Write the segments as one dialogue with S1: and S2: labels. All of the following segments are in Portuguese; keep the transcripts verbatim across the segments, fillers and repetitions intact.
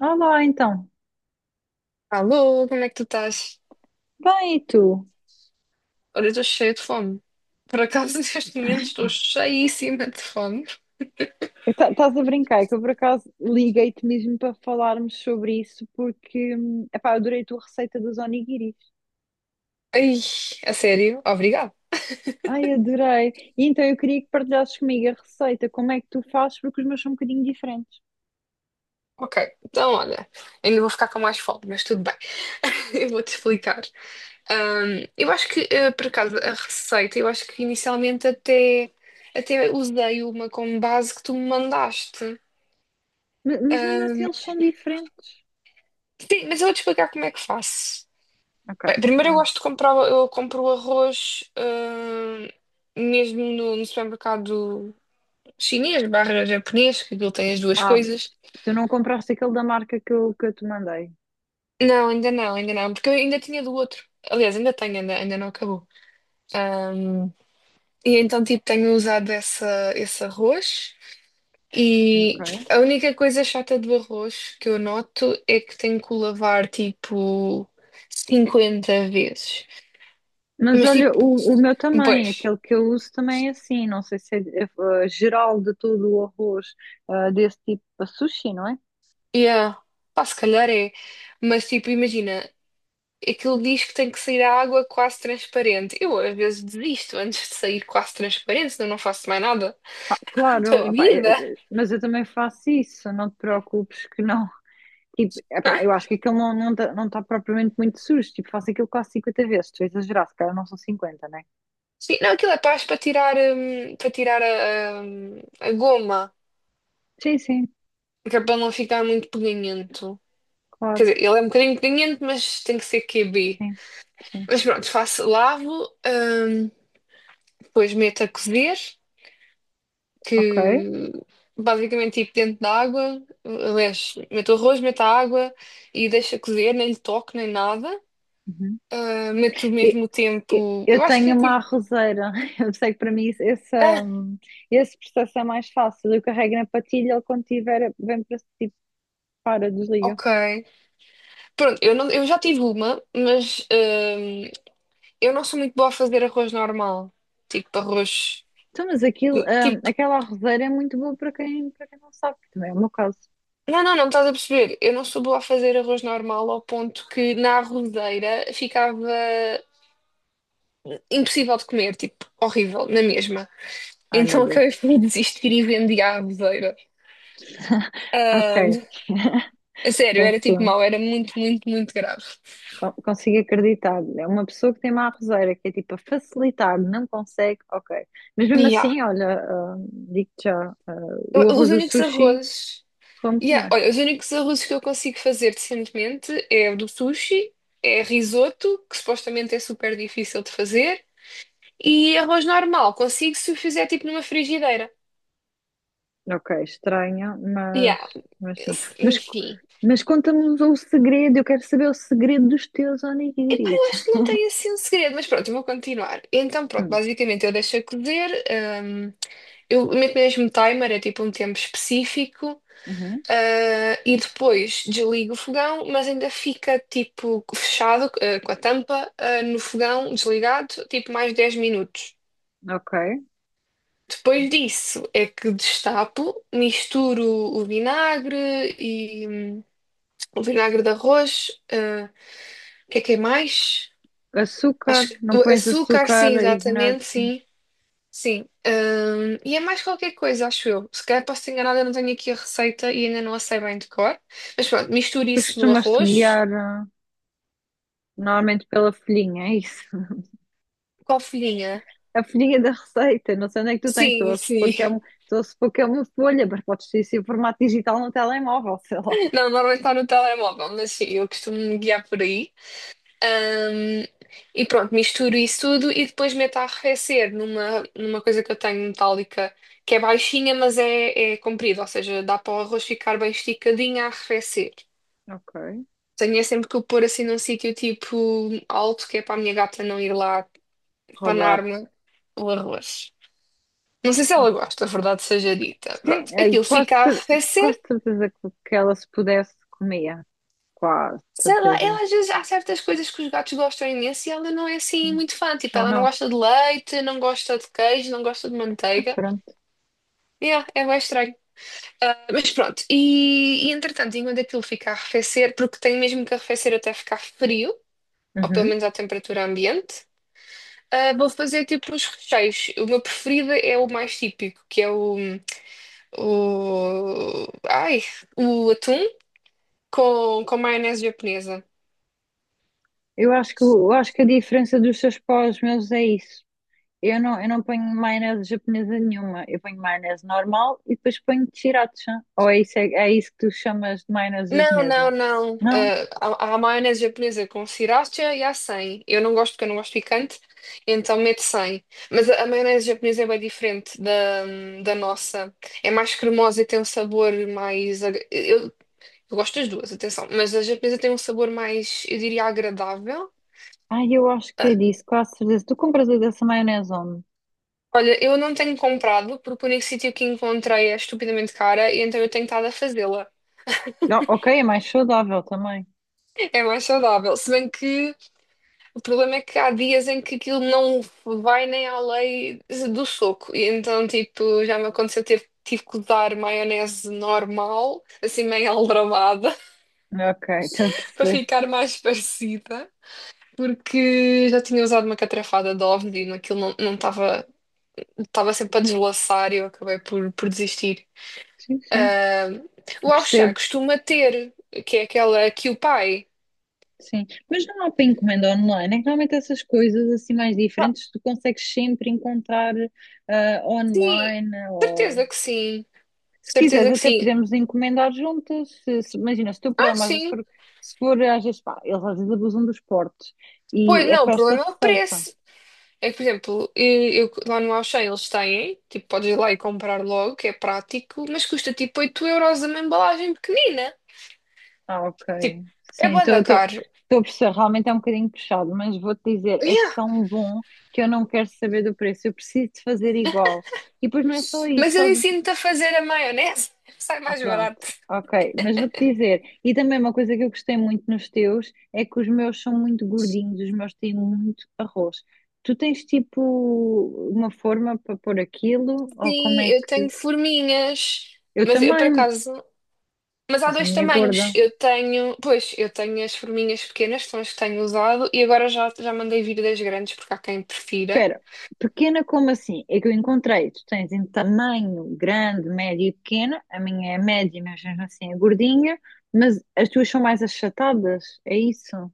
S1: Olá, então.
S2: Alô, como é que tu estás?
S1: Bem, e tu?
S2: Olha, eu estou cheia de fome. Por acaso, neste momento, estou cheíssima de fome.
S1: Estás a brincar que eu, por acaso, liguei-te mesmo para falarmos sobre isso porque, hum, epá, eu adorei a tua receita dos onigiris.
S2: Ai, a sério? Obrigado.
S1: Ai, adorei. E então eu queria que partilhasses comigo a receita, como é que tu fazes, porque os meus são um bocadinho diferentes.
S2: Ok, então olha, ainda vou ficar com mais fome, mas tudo bem. Eu vou-te explicar. Ahm, eu acho que, eh, por acaso, a receita, eu acho que inicialmente até, até usei uma como base que tu me mandaste.
S1: Ma- Mas mesmo assim
S2: Ahm,
S1: eles são diferentes.
S2: sim, mas eu vou-te explicar como é que faço.
S1: Ok,
S2: Bem, primeiro eu
S1: então.
S2: gosto de comprar, eu compro o arroz, hum, mesmo no, no supermercado chinês barra japonês, que ele tem as duas
S1: Ah,
S2: coisas.
S1: tu não compraste aquele da marca que eu, que eu te mandei.
S2: Não, ainda não, ainda não, porque eu ainda tinha do outro. Aliás, ainda tenho, ainda, ainda não acabou. Hum, e então, tipo, tenho usado essa, esse arroz
S1: Ok.
S2: e a única coisa chata do arroz que eu noto é que tenho que o lavar, tipo, cinquenta vezes.
S1: Mas
S2: Mas,
S1: olha,
S2: tipo,
S1: o, o meu também,
S2: pois.
S1: aquele que eu uso também é assim, não sei se é, é, eh, geral de todo o arroz eh, desse tipo para sushi, não é?
S2: Yeah. Pá, se calhar é. Mas tipo, imagina, aquilo diz que tem que sair a água quase transparente. Eu às vezes desisto antes de sair quase transparente, senão não faço mais nada da
S1: Claro, opá,
S2: vida.
S1: eh, eh, mas eu também faço isso, não te preocupes que não. Tipo, epá, eu acho que aquilo não não está não tá propriamente muito sujo, tipo, faço aquilo quase cinquenta vezes, estou a exagerar, se calhar não são cinquenta, né?
S2: Sim, não, aquilo é paz para tirar, hum, para tirar a, a, a goma,
S1: Sim, sim,
S2: que é para não ficar muito peganhento. Quer
S1: claro,
S2: dizer, ele é um bocadinho peganhento, mas tem que ser Q B.
S1: sim, sim,
S2: Mas pronto, faço, lavo, hum, depois meto a cozer,
S1: ok.
S2: que basicamente tipo dentro da água. Aliás, meto o arroz, meto a água e deixa cozer, nem lhe toco nem nada.
S1: Uhum.
S2: Ah, meto mesmo o
S1: Eu
S2: tempo,
S1: eu
S2: eu acho que é
S1: tenho uma
S2: tipo,
S1: arrozeira, eu sei que para mim isso- essa,
S2: ah,
S1: hum, esse processo é mais fácil. Eu carrego na patilha, ele quando tiver, vem para tipo, para, desliga.
S2: ok. Pronto, eu, não, eu já tive uma, mas ah, eu não sou muito boa a fazer arroz normal, tipo arroz,
S1: Então, mas aquilo, hum,
S2: tipo,
S1: aquela arrozeira é muito boa para quem, para quem não sabe, que também é o meu caso.
S2: não, não, não estás a perceber, eu não sou boa a fazer arroz normal ao ponto que na arrozeira ficava impossível de comer, tipo, horrível, na mesma.
S1: Ai meu
S2: Então acabei
S1: Deus.
S2: por desistir e vendi à avezeira. Ah,
S1: Ok,
S2: a sério, era tipo
S1: péssimo.
S2: mau, era muito, muito, muito grave.
S1: Con- Consigo acreditar. É uma pessoa que tem uma arrozeira, que é tipo a facilitar, não consegue, ok. Mas mesmo
S2: Yeah.
S1: assim, olha, hum, digo-te já, hum, o arroz
S2: Os
S1: do
S2: únicos
S1: sushi,
S2: arrozes.
S1: como
S2: Yeah,
S1: também.
S2: olha, os únicos arrozes que eu consigo fazer decentemente é o do sushi, é risoto, que supostamente é super difícil de fazer, e arroz normal, consigo se o fizer tipo numa frigideira.
S1: Ok, estranho, mas,
S2: Yeah.
S1: mas sim. Mas,
S2: Enfim.
S1: mas conta-nos o segredo, eu quero saber o segredo dos teus
S2: Epá, eu
S1: onigiris.
S2: acho que não tem assim um segredo, mas pronto, eu vou continuar. Então, pronto,
S1: Hum,
S2: basicamente eu deixo a cozer, hum, eu meto mesmo timer, é tipo um tempo específico,
S1: uhum,
S2: ah, e depois desligo o fogão, mas ainda fica tipo fechado, ah, com a tampa, ah, no fogão desligado, tipo mais dez minutos.
S1: ok.
S2: Depois disso é que destapo, misturo o vinagre e, hum, o vinagre de arroz, ah, o que é que é mais?
S1: Açúcar,
S2: Acho que
S1: não
S2: o
S1: pões
S2: açúcar, sim,
S1: açúcar e vinagre,
S2: exatamente,
S1: sim.
S2: sim, sim. Hum, e é mais qualquer coisa, acho eu. Se calhar posso ter enganada, eu não tenho aqui a receita e ainda não a sei bem de cor. Mas pronto, misture
S1: Tu
S2: isso no
S1: costumas-te
S2: arroz
S1: guiar ah, normalmente pela folhinha, é isso?
S2: com a folhinha.
S1: A folhinha da receita, não sei onde é que tu tens, estou
S2: Sim,
S1: a supor
S2: sim.
S1: que é, um- estou a supor que é uma folha, mas podes ter isso em formato digital no telemóvel, sei lá.
S2: Não, normalmente está no telemóvel, mas sim, eu costumo me guiar por aí. Hum, e pronto, misturo isso tudo e depois meto a arrefecer numa, numa coisa que eu tenho metálica, que é baixinha, mas é, é comprida, ou seja, dá para o arroz ficar bem esticadinho a arrefecer.
S1: Ok,
S2: Tenho é sempre que o pôr assim num sítio tipo alto, que é para a minha gata não ir lá
S1: roubar.
S2: panar-me o arroz. Não sei se ela
S1: Ok.
S2: gosta, a verdade seja dita.
S1: Sim,
S2: Pronto,
S1: é,
S2: aquilo
S1: quase,
S2: fica a
S1: cer- quase
S2: arrefecer.
S1: certeza que, que ela se pudesse comia. Quase
S2: Sei lá,
S1: certeza.
S2: ela às vezes há certas coisas que os gatos gostam imenso e ela não é assim muito fã. Tipo,
S1: Ah,
S2: ela não
S1: não.
S2: gosta de leite, não gosta de queijo, não gosta de manteiga.
S1: Pronto.
S2: Yeah, é bem estranho. Ah, mas pronto, e, e entretanto, enquanto aquilo fica a arrefecer, porque tem mesmo que arrefecer até ficar frio, ou pelo
S1: Uhum.
S2: menos à temperatura ambiente. Ah, vou fazer tipo os recheios. O meu preferido é o mais típico, que é o, o, ai, o atum com, com maionese japonesa.
S1: Eu acho que, eu acho que a diferença dos seus pós meus é isso. Eu não, eu não ponho maionese japonesa nenhuma. Eu ponho maionese normal e depois ponho sriracha. Ou é isso, é, é isso que tu chamas de maionese
S2: Não,
S1: japonesa?
S2: não, não.
S1: Não.
S2: Ah, há, há maionese japonesa com sriracha e há sem. Eu não gosto porque eu não gosto picante, então meto sem. Mas a, a maionese japonesa é bem diferente da, da nossa. É mais cremosa e tem um sabor mais. ag- Eu, eu gosto das duas, atenção. Mas a japonesa tem um sabor mais, eu diria, agradável.
S1: Ai, eu acho que
S2: Ah,
S1: é disso, quase certeza. Tu compras a dessa maionese onde?
S2: Olha, eu não tenho comprado porque o único sítio que encontrei é estupidamente cara e então eu tenho estado a fazê-la.
S1: Não, ok, é mais saudável também.
S2: É mais saudável. Se bem que o problema é que há dias em que aquilo não vai nem além do soco. E então, tipo, já me aconteceu ter, tive que usar maionese normal, assim meio aldrabada,
S1: Ok, estou a
S2: para
S1: perceber.
S2: ficar mais parecida. Porque já tinha usado uma catrafada de ovni e aquilo não não estava estava sempre a deslaçar e eu acabei por, por desistir.
S1: Sim, sim.
S2: Ah, o Ao Chá
S1: Percebo.
S2: costuma ter, que é aquela que o pai.
S1: Sim, mas não há para encomenda online. É que normalmente essas coisas assim mais
S2: Ah,
S1: diferentes tu consegues sempre encontrar ah,
S2: Sim,
S1: online ou
S2: certeza que sim.
S1: se quiseres
S2: Certeza que
S1: até
S2: sim.
S1: podemos encomendar juntas. Se- se- imagina, se o teu
S2: Ah,
S1: problema às vezes
S2: sim.
S1: for, se for às vezes pá, eles às vezes abusam dos portes
S2: Pois
S1: e é
S2: não, o
S1: para esta
S2: problema é o
S1: receita.
S2: preço. É que, por exemplo, eu, eu- lá no Ao eles têm, tipo, podes ir lá e comprar logo, que é prático, mas custa tipo oito euros uma embalagem pequenina.
S1: Ah, ok.
S2: Tipo, é
S1: Sim,
S2: bué
S1: estou
S2: da
S1: a
S2: caro.
S1: perceber, realmente é um bocadinho puxado, mas vou-te dizer, é
S2: Yeah.
S1: tão bom que eu não quero saber do preço, eu preciso de fazer igual. E depois não é só isso,
S2: Mas
S1: só
S2: eu ensino-te a fazer a maionese, sai
S1: Ah,
S2: mais
S1: pronto,
S2: barato.
S1: ok. Mas vou-te dizer, e também uma coisa que eu gostei muito nos teus é que os meus são muito gordinhos, os meus têm muito arroz. Tu tens tipo uma forma para pôr aquilo? Ou como
S2: Sim,
S1: é
S2: eu
S1: que.
S2: tenho forminhas,
S1: Eu
S2: mas eu por
S1: também,
S2: acaso. Mas há
S1: mas a
S2: dois
S1: minha é
S2: tamanhos.
S1: gorda.
S2: Eu tenho, pois, eu tenho as forminhas pequenas, que são as que tenho usado, e agora já, já mandei vir das grandes, porque há quem prefira.
S1: Espera, pequena como assim? É que eu encontrei, tu tens em tamanho grande, médio e pequena, a minha é média, mas mesmo assim é gordinha, mas as tuas são mais achatadas, é isso?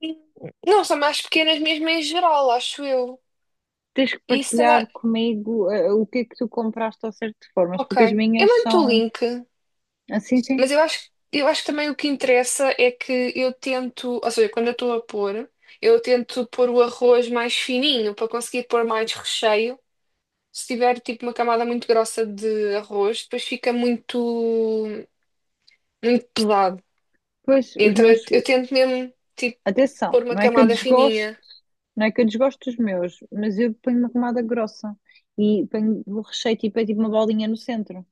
S2: E Não, são mais pequenas mesmo em geral, acho eu.
S1: Tens que
S2: E
S1: partilhar
S2: será.
S1: comigo eh, o que é que tu compraste ao certo de formas,
S2: Ok.
S1: porque as
S2: Eu
S1: minhas
S2: mando-te o
S1: são
S2: link,
S1: assim, sim.
S2: mas eu acho, eu acho que também o que interessa é que eu tento, ou seja, quando eu estou a pôr, eu tento pôr o arroz mais fininho para conseguir pôr mais recheio. Se tiver tipo uma camada muito grossa de arroz, depois fica muito, muito pesado.
S1: Pois, os
S2: Então
S1: meus,
S2: eu, eu tento mesmo, tipo,
S1: atenção,
S2: pôr uma
S1: não é que eu
S2: camada
S1: desgosto,
S2: fininha.
S1: não é que eu desgosto dos meus, mas eu ponho uma camada grossa e ponho o recheio tipo, é tipo uma bolinha no centro.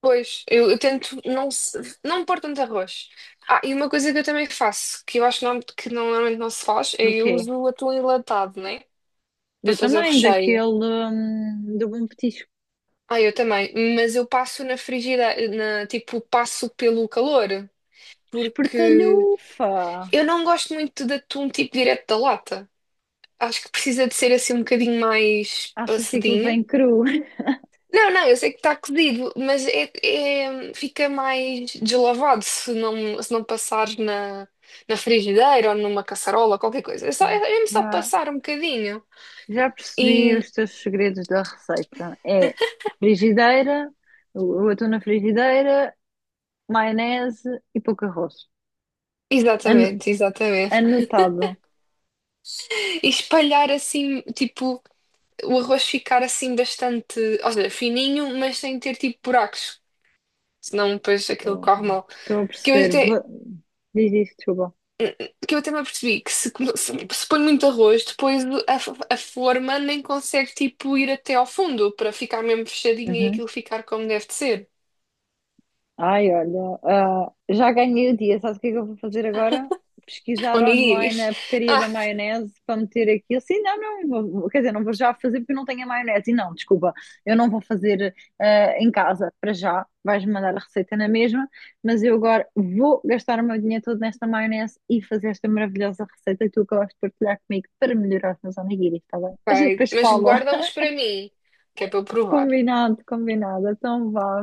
S2: Pois, eu, eu tento não, se- não pôr tanto arroz. Ah, e uma coisa que eu também faço, que eu acho não, que não- normalmente não se faz, é
S1: Do
S2: eu
S1: quê?
S2: uso o atum enlatado, né? Para
S1: Eu
S2: fazer o
S1: também, daquele,
S2: recheio.
S1: hum, do bom petisco.
S2: Ah, eu também. Mas eu passo na frigideira, na, tipo, passo pelo calor. Porque
S1: Espertalhufa!
S2: eu não gosto muito de atum, tipo, direto da lata. Acho que precisa de ser assim um bocadinho mais
S1: Achas que aquilo
S2: passadinho.
S1: vem cru?
S2: Não, não, eu sei que está cozido, mas é- é- fica mais deslavado se não, se não passares na, na frigideira ou numa caçarola, qualquer coisa. É só, é,
S1: Ok.
S2: é mesmo só
S1: Já,
S2: passar um bocadinho.
S1: Já percebi
S2: E,
S1: os teus segredos da receita. É frigideira, o o atum na frigideira, maionese e pouco arroz. Ano-
S2: exatamente, exatamente.
S1: Anotado.
S2: E espalhar assim, tipo, o arroz ficar assim bastante, ou seja, fininho, mas sem ter tipo buracos. Senão depois aquilo corre mal.
S1: Estou a
S2: Que eu
S1: perceber.
S2: até,
S1: Vou- Diz isso, desculpa.
S2: que eu até me apercebi que se, come- se, se põe muito arroz, depois a, f- a forma nem consegue tipo ir até ao fundo para ficar mesmo fechadinha e
S1: Uhum.
S2: aquilo ficar como deve de ser.
S1: Ai, olha, ah, já ganhei o dia. Sabe o que é que eu vou fazer agora? Pesquisar online
S2: Onigiris.
S1: a porcaria da
S2: Ah,
S1: maionese para meter aquilo. Sim, não, não, vou- quer dizer, não vou já fazer porque eu não tenho a maionese. E não, desculpa, eu não vou fazer ah, em casa para já. Vais-me mandar a receita na mesma, mas eu agora vou gastar o meu dinheiro todo nesta maionese e fazer esta maravilhosa receita que tu acabaste de partilhar comigo para melhorar os meus onigiris, está bem? A gente
S2: Vai.
S1: depois
S2: Mas
S1: fala.
S2: guarda uns para mim, que é para eu provar.
S1: Combinado, combinado. Então vá,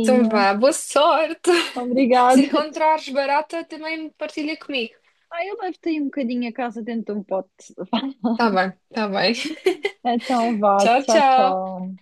S2: Então vá, boa sorte. Se
S1: Obrigada.
S2: encontrares barata, também partilha comigo.
S1: Ah, eu levo-te aí um bocadinho a casa dentro de um pote.
S2: Tá bem, tá bem.
S1: Então vá,
S2: Tchau,
S1: tchau,
S2: tchau.
S1: tchau.